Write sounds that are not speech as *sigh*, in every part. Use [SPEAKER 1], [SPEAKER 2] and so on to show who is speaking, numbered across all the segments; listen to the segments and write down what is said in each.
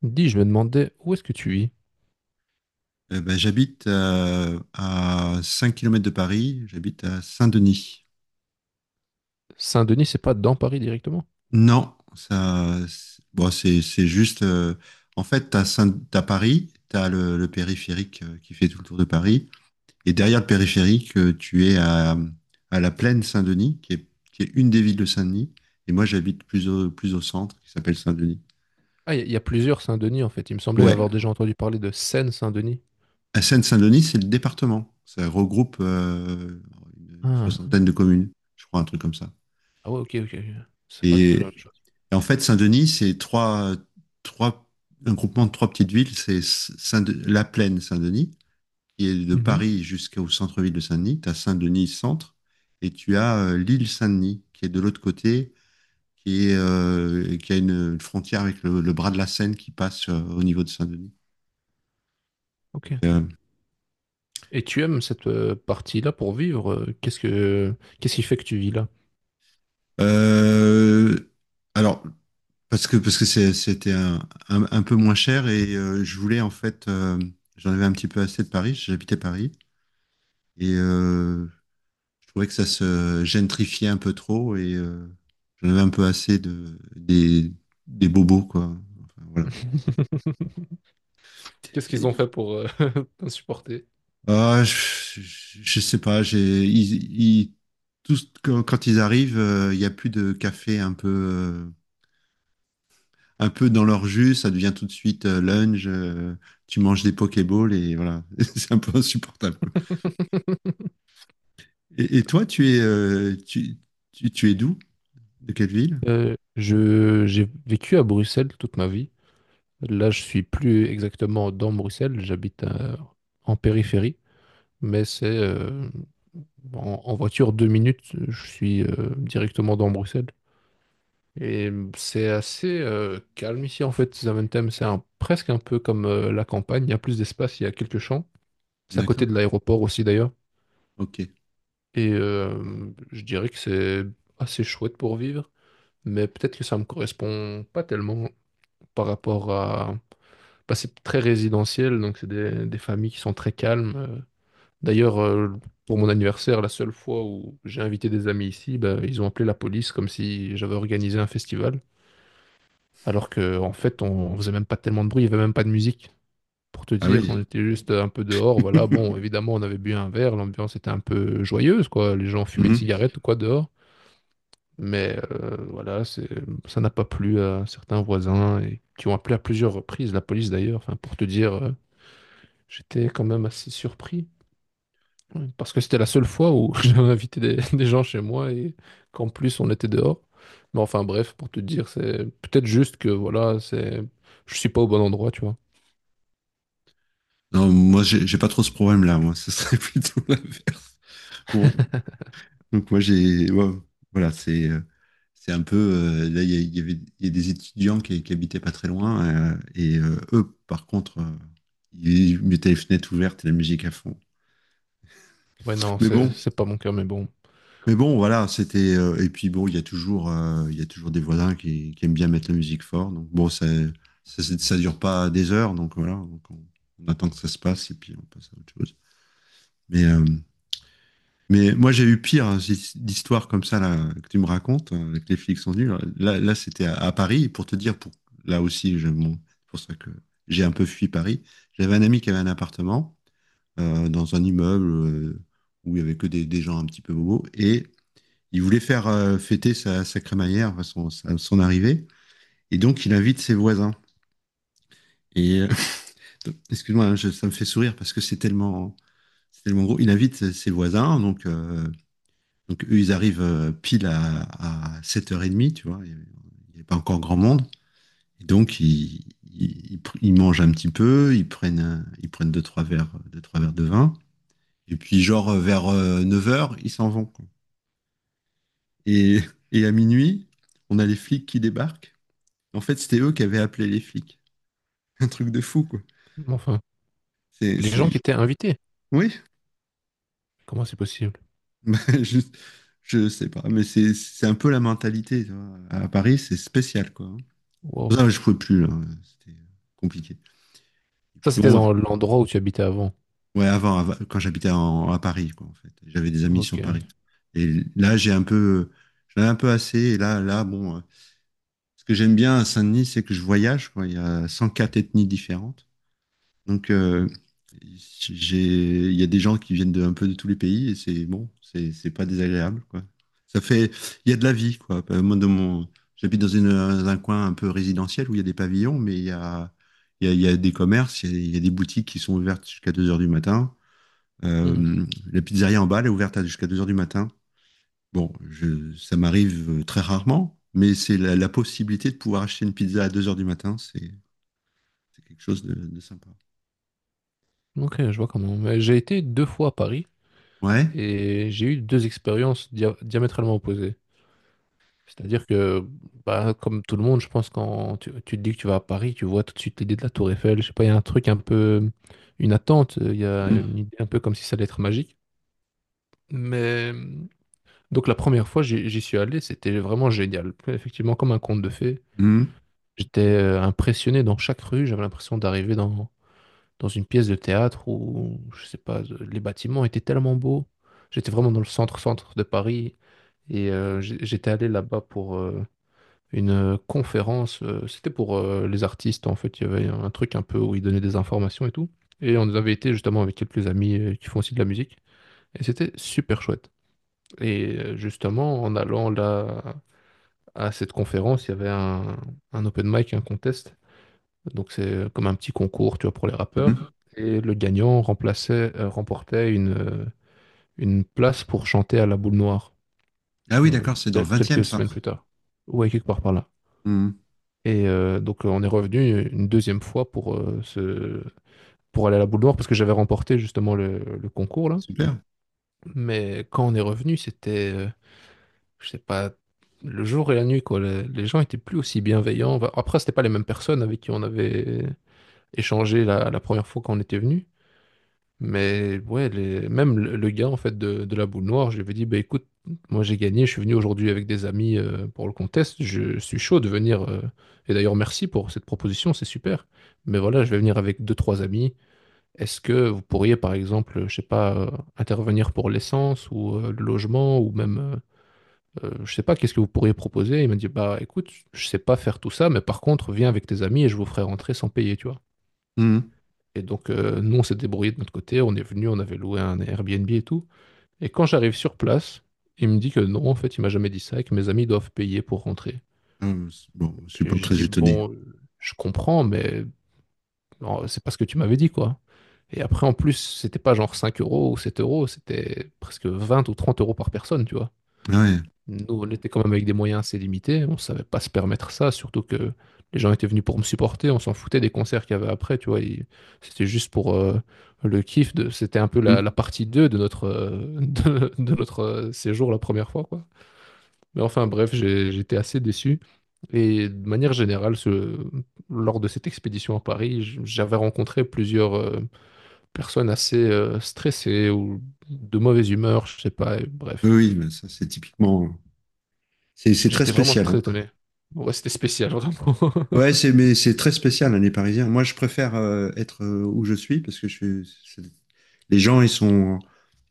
[SPEAKER 1] Dis, je me demandais où est-ce que tu vis?
[SPEAKER 2] Eh ben, j'habite à 5 kilomètres de Paris, j'habite à Saint-Denis.
[SPEAKER 1] Saint-Denis, c'est pas dans Paris directement?
[SPEAKER 2] Non, ça, bon, c'est juste. En fait, t'as t'as Paris, t'as le périphérique qui fait tout le tour de Paris, et derrière le périphérique, tu es à la plaine Saint-Denis, qui est une des villes de Saint-Denis, et moi j'habite plus au centre, qui s'appelle Saint-Denis.
[SPEAKER 1] Ah, il y a plusieurs Saint-Denis en fait. Il me semblait
[SPEAKER 2] Ouais,
[SPEAKER 1] avoir déjà entendu parler de Seine-Saint-Denis.
[SPEAKER 2] à Seine-Saint-Denis, c'est le département. Ça regroupe une
[SPEAKER 1] Ah.
[SPEAKER 2] soixantaine de communes, je crois, un truc comme ça.
[SPEAKER 1] Ah ouais, ok, ok. Ok. C'est pas du tout la même
[SPEAKER 2] Et,
[SPEAKER 1] chose.
[SPEAKER 2] Et en fait, Saint-Denis, c'est trois, un groupement de trois petites villes. C'est Saint La Plaine, Saint-Denis, qui est de
[SPEAKER 1] Mhm.
[SPEAKER 2] Paris jusqu'au centre-ville de Saint-Denis. Tu as Saint-Denis centre et tu as l'île Saint-Denis, qui est de l'autre côté, qui a une frontière avec le bras de la Seine qui passe au niveau de Saint-Denis.
[SPEAKER 1] Ok.
[SPEAKER 2] Donc, euh,
[SPEAKER 1] Et tu aimes cette partie-là pour vivre? Qu'est-ce qui fait que tu vis là?
[SPEAKER 2] euh, alors, parce que c'était un peu moins cher et je voulais en fait, j'en avais un petit peu assez de Paris, j'habitais Paris et je trouvais que ça se gentrifiait un peu trop et j'en avais un peu assez des bobos, quoi. Enfin, voilà.
[SPEAKER 1] *laughs* Qu'est-ce qu'ils
[SPEAKER 2] Et-
[SPEAKER 1] ont fait pour *laughs* t'insupporter?
[SPEAKER 2] ah, je, je sais pas, tous, quand ils arrivent, il y a plus de café un peu dans leur jus, ça devient tout de suite lunch, tu manges des Pokéballs et voilà, *laughs* c'est un peu insupportable, quoi. Et toi, tu es d'où? De quelle ville?
[SPEAKER 1] J'ai vécu à Bruxelles toute ma vie. Là, je suis plus exactement dans Bruxelles. J'habite en périphérie. Mais c'est en voiture 2 minutes, je suis directement dans Bruxelles. Et c'est assez calme ici en fait, Zaventem, c'est presque un peu comme la campagne, il y a plus d'espace, il y a quelques champs. C'est à côté de
[SPEAKER 2] D'accord.
[SPEAKER 1] l'aéroport aussi d'ailleurs.
[SPEAKER 2] Ok.
[SPEAKER 1] Et je dirais que c'est assez chouette pour vivre, mais peut-être que ça me correspond pas tellement par rapport à... Bah, c'est très résidentiel, donc c'est des familles qui sont très calmes. D'ailleurs, pour mon anniversaire, la seule fois où j'ai invité des amis ici, bah, ils ont appelé la police comme si j'avais organisé un festival, alors que en fait, on faisait même pas tellement de bruit, il y avait même pas de musique. Pour te
[SPEAKER 2] Ah
[SPEAKER 1] dire,
[SPEAKER 2] oui.
[SPEAKER 1] on était juste un peu dehors, voilà. Bon, évidemment, on avait bu un verre, l'ambiance était un peu joyeuse, quoi. Les gens fumaient une cigarette ou quoi dehors, mais voilà, c'est, ça n'a pas plu à certains voisins et qui ont appelé à plusieurs reprises la police d'ailleurs. Enfin, pour te dire, j'étais quand même assez surpris. Ouais, parce que c'était la seule fois où *laughs* j'avais invité des gens chez moi et qu'en plus on était dehors. Mais enfin bref, pour te dire, c'est peut-être juste que voilà, c'est je suis pas au bon endroit, tu vois.
[SPEAKER 2] Non, moi, j'ai pas trop ce problème-là. Moi, ce serait *laughs* plutôt l'inverse. Bon,
[SPEAKER 1] *laughs*
[SPEAKER 2] donc moi, ouais, voilà, c'est un peu. Là, il y a des étudiants qui habitaient pas très loin, et eux, par contre, ils mettaient les fenêtres ouvertes et la musique à fond.
[SPEAKER 1] Ouais, non,
[SPEAKER 2] Mais
[SPEAKER 1] c'est
[SPEAKER 2] bon,
[SPEAKER 1] c'est pas mon cas, mais bon.
[SPEAKER 2] mais bon, voilà, c'était. Et puis bon, il y a toujours des voisins qui aiment bien mettre la musique fort. Donc bon, ça dure pas des heures, donc voilà, donc on attend que ça se passe et puis on passe à autre chose. Mais euh, Mais moi, j'ai eu pire d'histoires comme ça là, que tu me racontes, que les flics sont venus. Là, c'était à Paris, pour te dire, là aussi, bon, c'est pour ça que j'ai un peu fui Paris. J'avais un ami qui avait un appartement dans un immeuble où il y avait que des gens un petit peu bobos, et il voulait faire fêter sa crémaillère, enfin, son arrivée, et donc il invite ses voisins. Et euh, *laughs* Excuse-moi, hein, ça me fait sourire parce que c'est tellement gros. Il invite ses voisins, donc eux, ils arrivent pile à 7h30, tu vois, il n'y a pas encore grand monde. Et donc ils mangent un petit peu, ils prennent deux, trois verres de vin. Et puis genre vers 9 heures, ils s'en vont, quoi. Et, et à minuit, on a les flics qui débarquent. En fait, c'était eux qui avaient appelé les flics. *laughs* Un truc de fou, quoi.
[SPEAKER 1] Enfin,
[SPEAKER 2] C'est,
[SPEAKER 1] les
[SPEAKER 2] c'est...
[SPEAKER 1] gens qui étaient invités,
[SPEAKER 2] Oui,
[SPEAKER 1] comment c'est possible?
[SPEAKER 2] *laughs* bah, je, je sais pas, mais c'est un peu la mentalité, tu vois. À Paris, c'est spécial, quoi, hein.
[SPEAKER 1] Wow.
[SPEAKER 2] Non, je pouvais plus, là. C'était compliqué. Et
[SPEAKER 1] Ça,
[SPEAKER 2] puis
[SPEAKER 1] c'était
[SPEAKER 2] bon,
[SPEAKER 1] dans l'endroit où tu habitais avant.
[SPEAKER 2] ouais, avant, quand j'habitais à Paris, quoi, en fait. J'avais des amis
[SPEAKER 1] Ok.
[SPEAKER 2] sur Paris. Et là, j'en ai un peu assez. Et là, bon, ce que j'aime bien à Saint-Denis, c'est que je voyage, quoi. Il y a 104 ethnies différentes. Donc, il y a des gens qui viennent de un peu de tous les pays et c'est bon, c'est pas désagréable, quoi. Ça fait, il y a de la vie, quoi. Moi, j'habite dans dans un coin un peu résidentiel où il y a des pavillons, mais il y a des commerces, il y a des boutiques qui sont ouvertes jusqu'à 2 heures du matin.
[SPEAKER 1] Mhm.
[SPEAKER 2] Euh, la pizzeria en bas, elle est ouverte jusqu'à 2 heures du matin. Bon, ça m'arrive très rarement, mais c'est la possibilité de pouvoir acheter une pizza à 2 heures du matin, c'est quelque chose de sympa.
[SPEAKER 1] Ok, je vois comment. Mais j'ai été deux fois à Paris
[SPEAKER 2] Ouais.
[SPEAKER 1] et j'ai eu deux expériences diamétralement opposées. C'est-à-dire que, bah, comme tout le monde, je pense, quand tu te dis que tu vas à Paris, tu vois tout de suite l'idée de la Tour Eiffel. Je sais pas, il y a un truc un peu, une attente, il y a
[SPEAKER 2] Mm.
[SPEAKER 1] une idée un peu comme si ça allait être magique. Mais donc la première fois, j'y suis allé, c'était vraiment génial. Effectivement, comme un conte de fées.
[SPEAKER 2] Mm.
[SPEAKER 1] J'étais impressionné dans chaque rue, j'avais l'impression d'arriver dans une pièce de théâtre où, je sais pas, les bâtiments étaient tellement beaux. J'étais vraiment dans le centre-centre de Paris. Et j'étais allé là-bas pour, une conférence. C'était pour les artistes, en fait. Il y avait un truc un peu où ils donnaient des informations et tout. Et on avait été justement avec quelques amis qui font aussi de la musique. Et c'était super chouette. Et justement, en allant là à cette conférence, il y avait un open mic, un contest. Donc c'est comme un petit concours, tu vois, pour les rappeurs.
[SPEAKER 2] Mhm.
[SPEAKER 1] Et le gagnant remplaçait, remportait une place pour chanter à la boule noire
[SPEAKER 2] Ah oui, d'accord, c'est dans le 20,
[SPEAKER 1] quelques
[SPEAKER 2] ça.
[SPEAKER 1] semaines plus tard. Ouais, quelque part par là.
[SPEAKER 2] Mhm.
[SPEAKER 1] Et donc, on est revenu une deuxième fois pour aller à la boule noire parce que j'avais remporté justement le concours là.
[SPEAKER 2] Super.
[SPEAKER 1] Mais quand on est revenu, c'était, je sais pas, le jour et la nuit quoi. Les gens étaient plus aussi bienveillants. Enfin, après, c'était pas les mêmes personnes avec qui on avait échangé la première fois quand on était venu. Mais ouais, les... même le gars en fait de la boule noire, je lui avais dit, bah écoute, moi j'ai gagné, je suis venu aujourd'hui avec des amis pour le contest, je suis chaud de venir. Et d'ailleurs, merci pour cette proposition, c'est super. Mais voilà, je vais venir avec deux, trois amis. Est-ce que vous pourriez, par exemple, je sais pas, intervenir pour l'essence ou le logement ou même, je sais pas, qu'est-ce que vous pourriez proposer? Il m'a dit, bah écoute, je sais pas faire tout ça, mais par contre, viens avec tes amis et je vous ferai rentrer sans payer, tu vois.
[SPEAKER 2] Mhm.
[SPEAKER 1] Et donc, nous, on s'est débrouillé de notre côté, on est venu, on avait loué un Airbnb et tout. Et quand j'arrive sur place, il me dit que non, en fait, il m'a jamais dit ça et que mes amis doivent payer pour rentrer.
[SPEAKER 2] Ah, bon, je suis
[SPEAKER 1] Et
[SPEAKER 2] pas
[SPEAKER 1] je
[SPEAKER 2] très
[SPEAKER 1] dis,
[SPEAKER 2] étonné.
[SPEAKER 1] bon, je comprends, mais non, c'est pas ce que tu m'avais dit, quoi. Et après, en plus, c'était pas genre 5 € ou 7 euros, c'était presque 20 ou 30 € par personne, tu vois.
[SPEAKER 2] Ah ouais.
[SPEAKER 1] Nous, on était quand même avec des moyens assez limités, on savait pas se permettre ça, surtout que les gens étaient venus pour me supporter, on s'en foutait des concerts qu'il y avait après, tu vois, et c'était juste pour le kiff de, c'était un peu la
[SPEAKER 2] Mhm.
[SPEAKER 1] partie 2 de notre, *laughs* de notre séjour la première fois, quoi. Mais enfin, bref, j'étais assez déçu. Et de manière générale, lors de cette expédition à Paris, j'avais rencontré plusieurs personnes assez stressées ou de mauvaise humeur, je sais pas, et
[SPEAKER 2] Oui,
[SPEAKER 1] bref.
[SPEAKER 2] oui, mais ça, c'est typiquement. C'est très
[SPEAKER 1] J'étais vraiment
[SPEAKER 2] spécial,
[SPEAKER 1] très
[SPEAKER 2] hein.
[SPEAKER 1] étonné. Bon, ouais, c'était spécial, j'entends.
[SPEAKER 2] Ouais, c'est mais c'est très spécial, hein, les Parisiens. Moi, je préfère être où je suis parce que je suis. c'est- Les gens,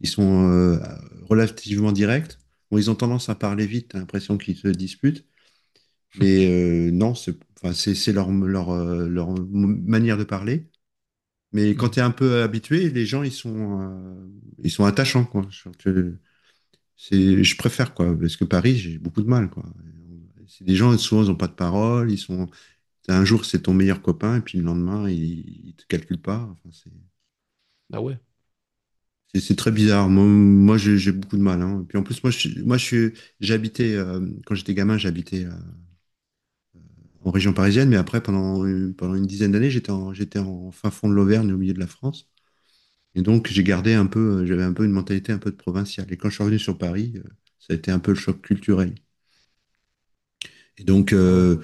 [SPEAKER 2] ils sont relativement directs. Bon, ils ont tendance à parler vite, t'as l'impression qu'ils se disputent.
[SPEAKER 1] *laughs*
[SPEAKER 2] Non, c'est enfin, c'est leur manière de parler. Mais quand
[SPEAKER 1] Hmm.
[SPEAKER 2] tu es un peu habitué, les gens, ils sont attachants, quoi. Je préfère, quoi. Parce que Paris, j'ai beaucoup de mal, quoi. C'est des gens, souvent, ils n'ont pas de parole. Un jour, c'est ton meilleur copain, et puis le lendemain, il ne te calcule pas. Enfin.
[SPEAKER 1] Ah ouais,
[SPEAKER 2] C'est très bizarre. Moi, j'ai beaucoup de mal, hein. Et puis en plus, moi, j'habitais quand j'étais gamin, j'habitais en région parisienne, mais après, pendant une dizaine d'années, j'étais en fin fond de l'Auvergne, au milieu de la France. Et donc, j'avais un peu une mentalité un peu de provinciale. Et quand je suis revenu sur Paris, ça a été un peu le choc culturel. Et donc,
[SPEAKER 1] ah ouais.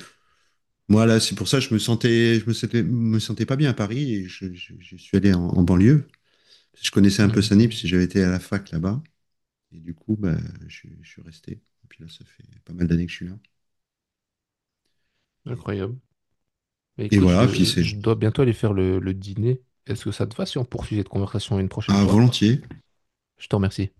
[SPEAKER 2] moi, là, c'est pour ça que me sentais pas bien à Paris et je suis allé en, en banlieue. Je connaissais un peu
[SPEAKER 1] Mhm.
[SPEAKER 2] Saint-Denis parce que j'avais été à la fac là-bas. Et du coup, bah, je suis resté. Et puis là, ça fait pas mal d'années que je suis là. Et,
[SPEAKER 1] Incroyable. Mais
[SPEAKER 2] et
[SPEAKER 1] écoute, je,
[SPEAKER 2] voilà, puis
[SPEAKER 1] de-
[SPEAKER 2] c'est
[SPEAKER 1] je dois bientôt aller faire le dîner. Est-ce que ça te va si on poursuit cette conversation une prochaine
[SPEAKER 2] à
[SPEAKER 1] fois?
[SPEAKER 2] volontiers.
[SPEAKER 1] Je te remercie.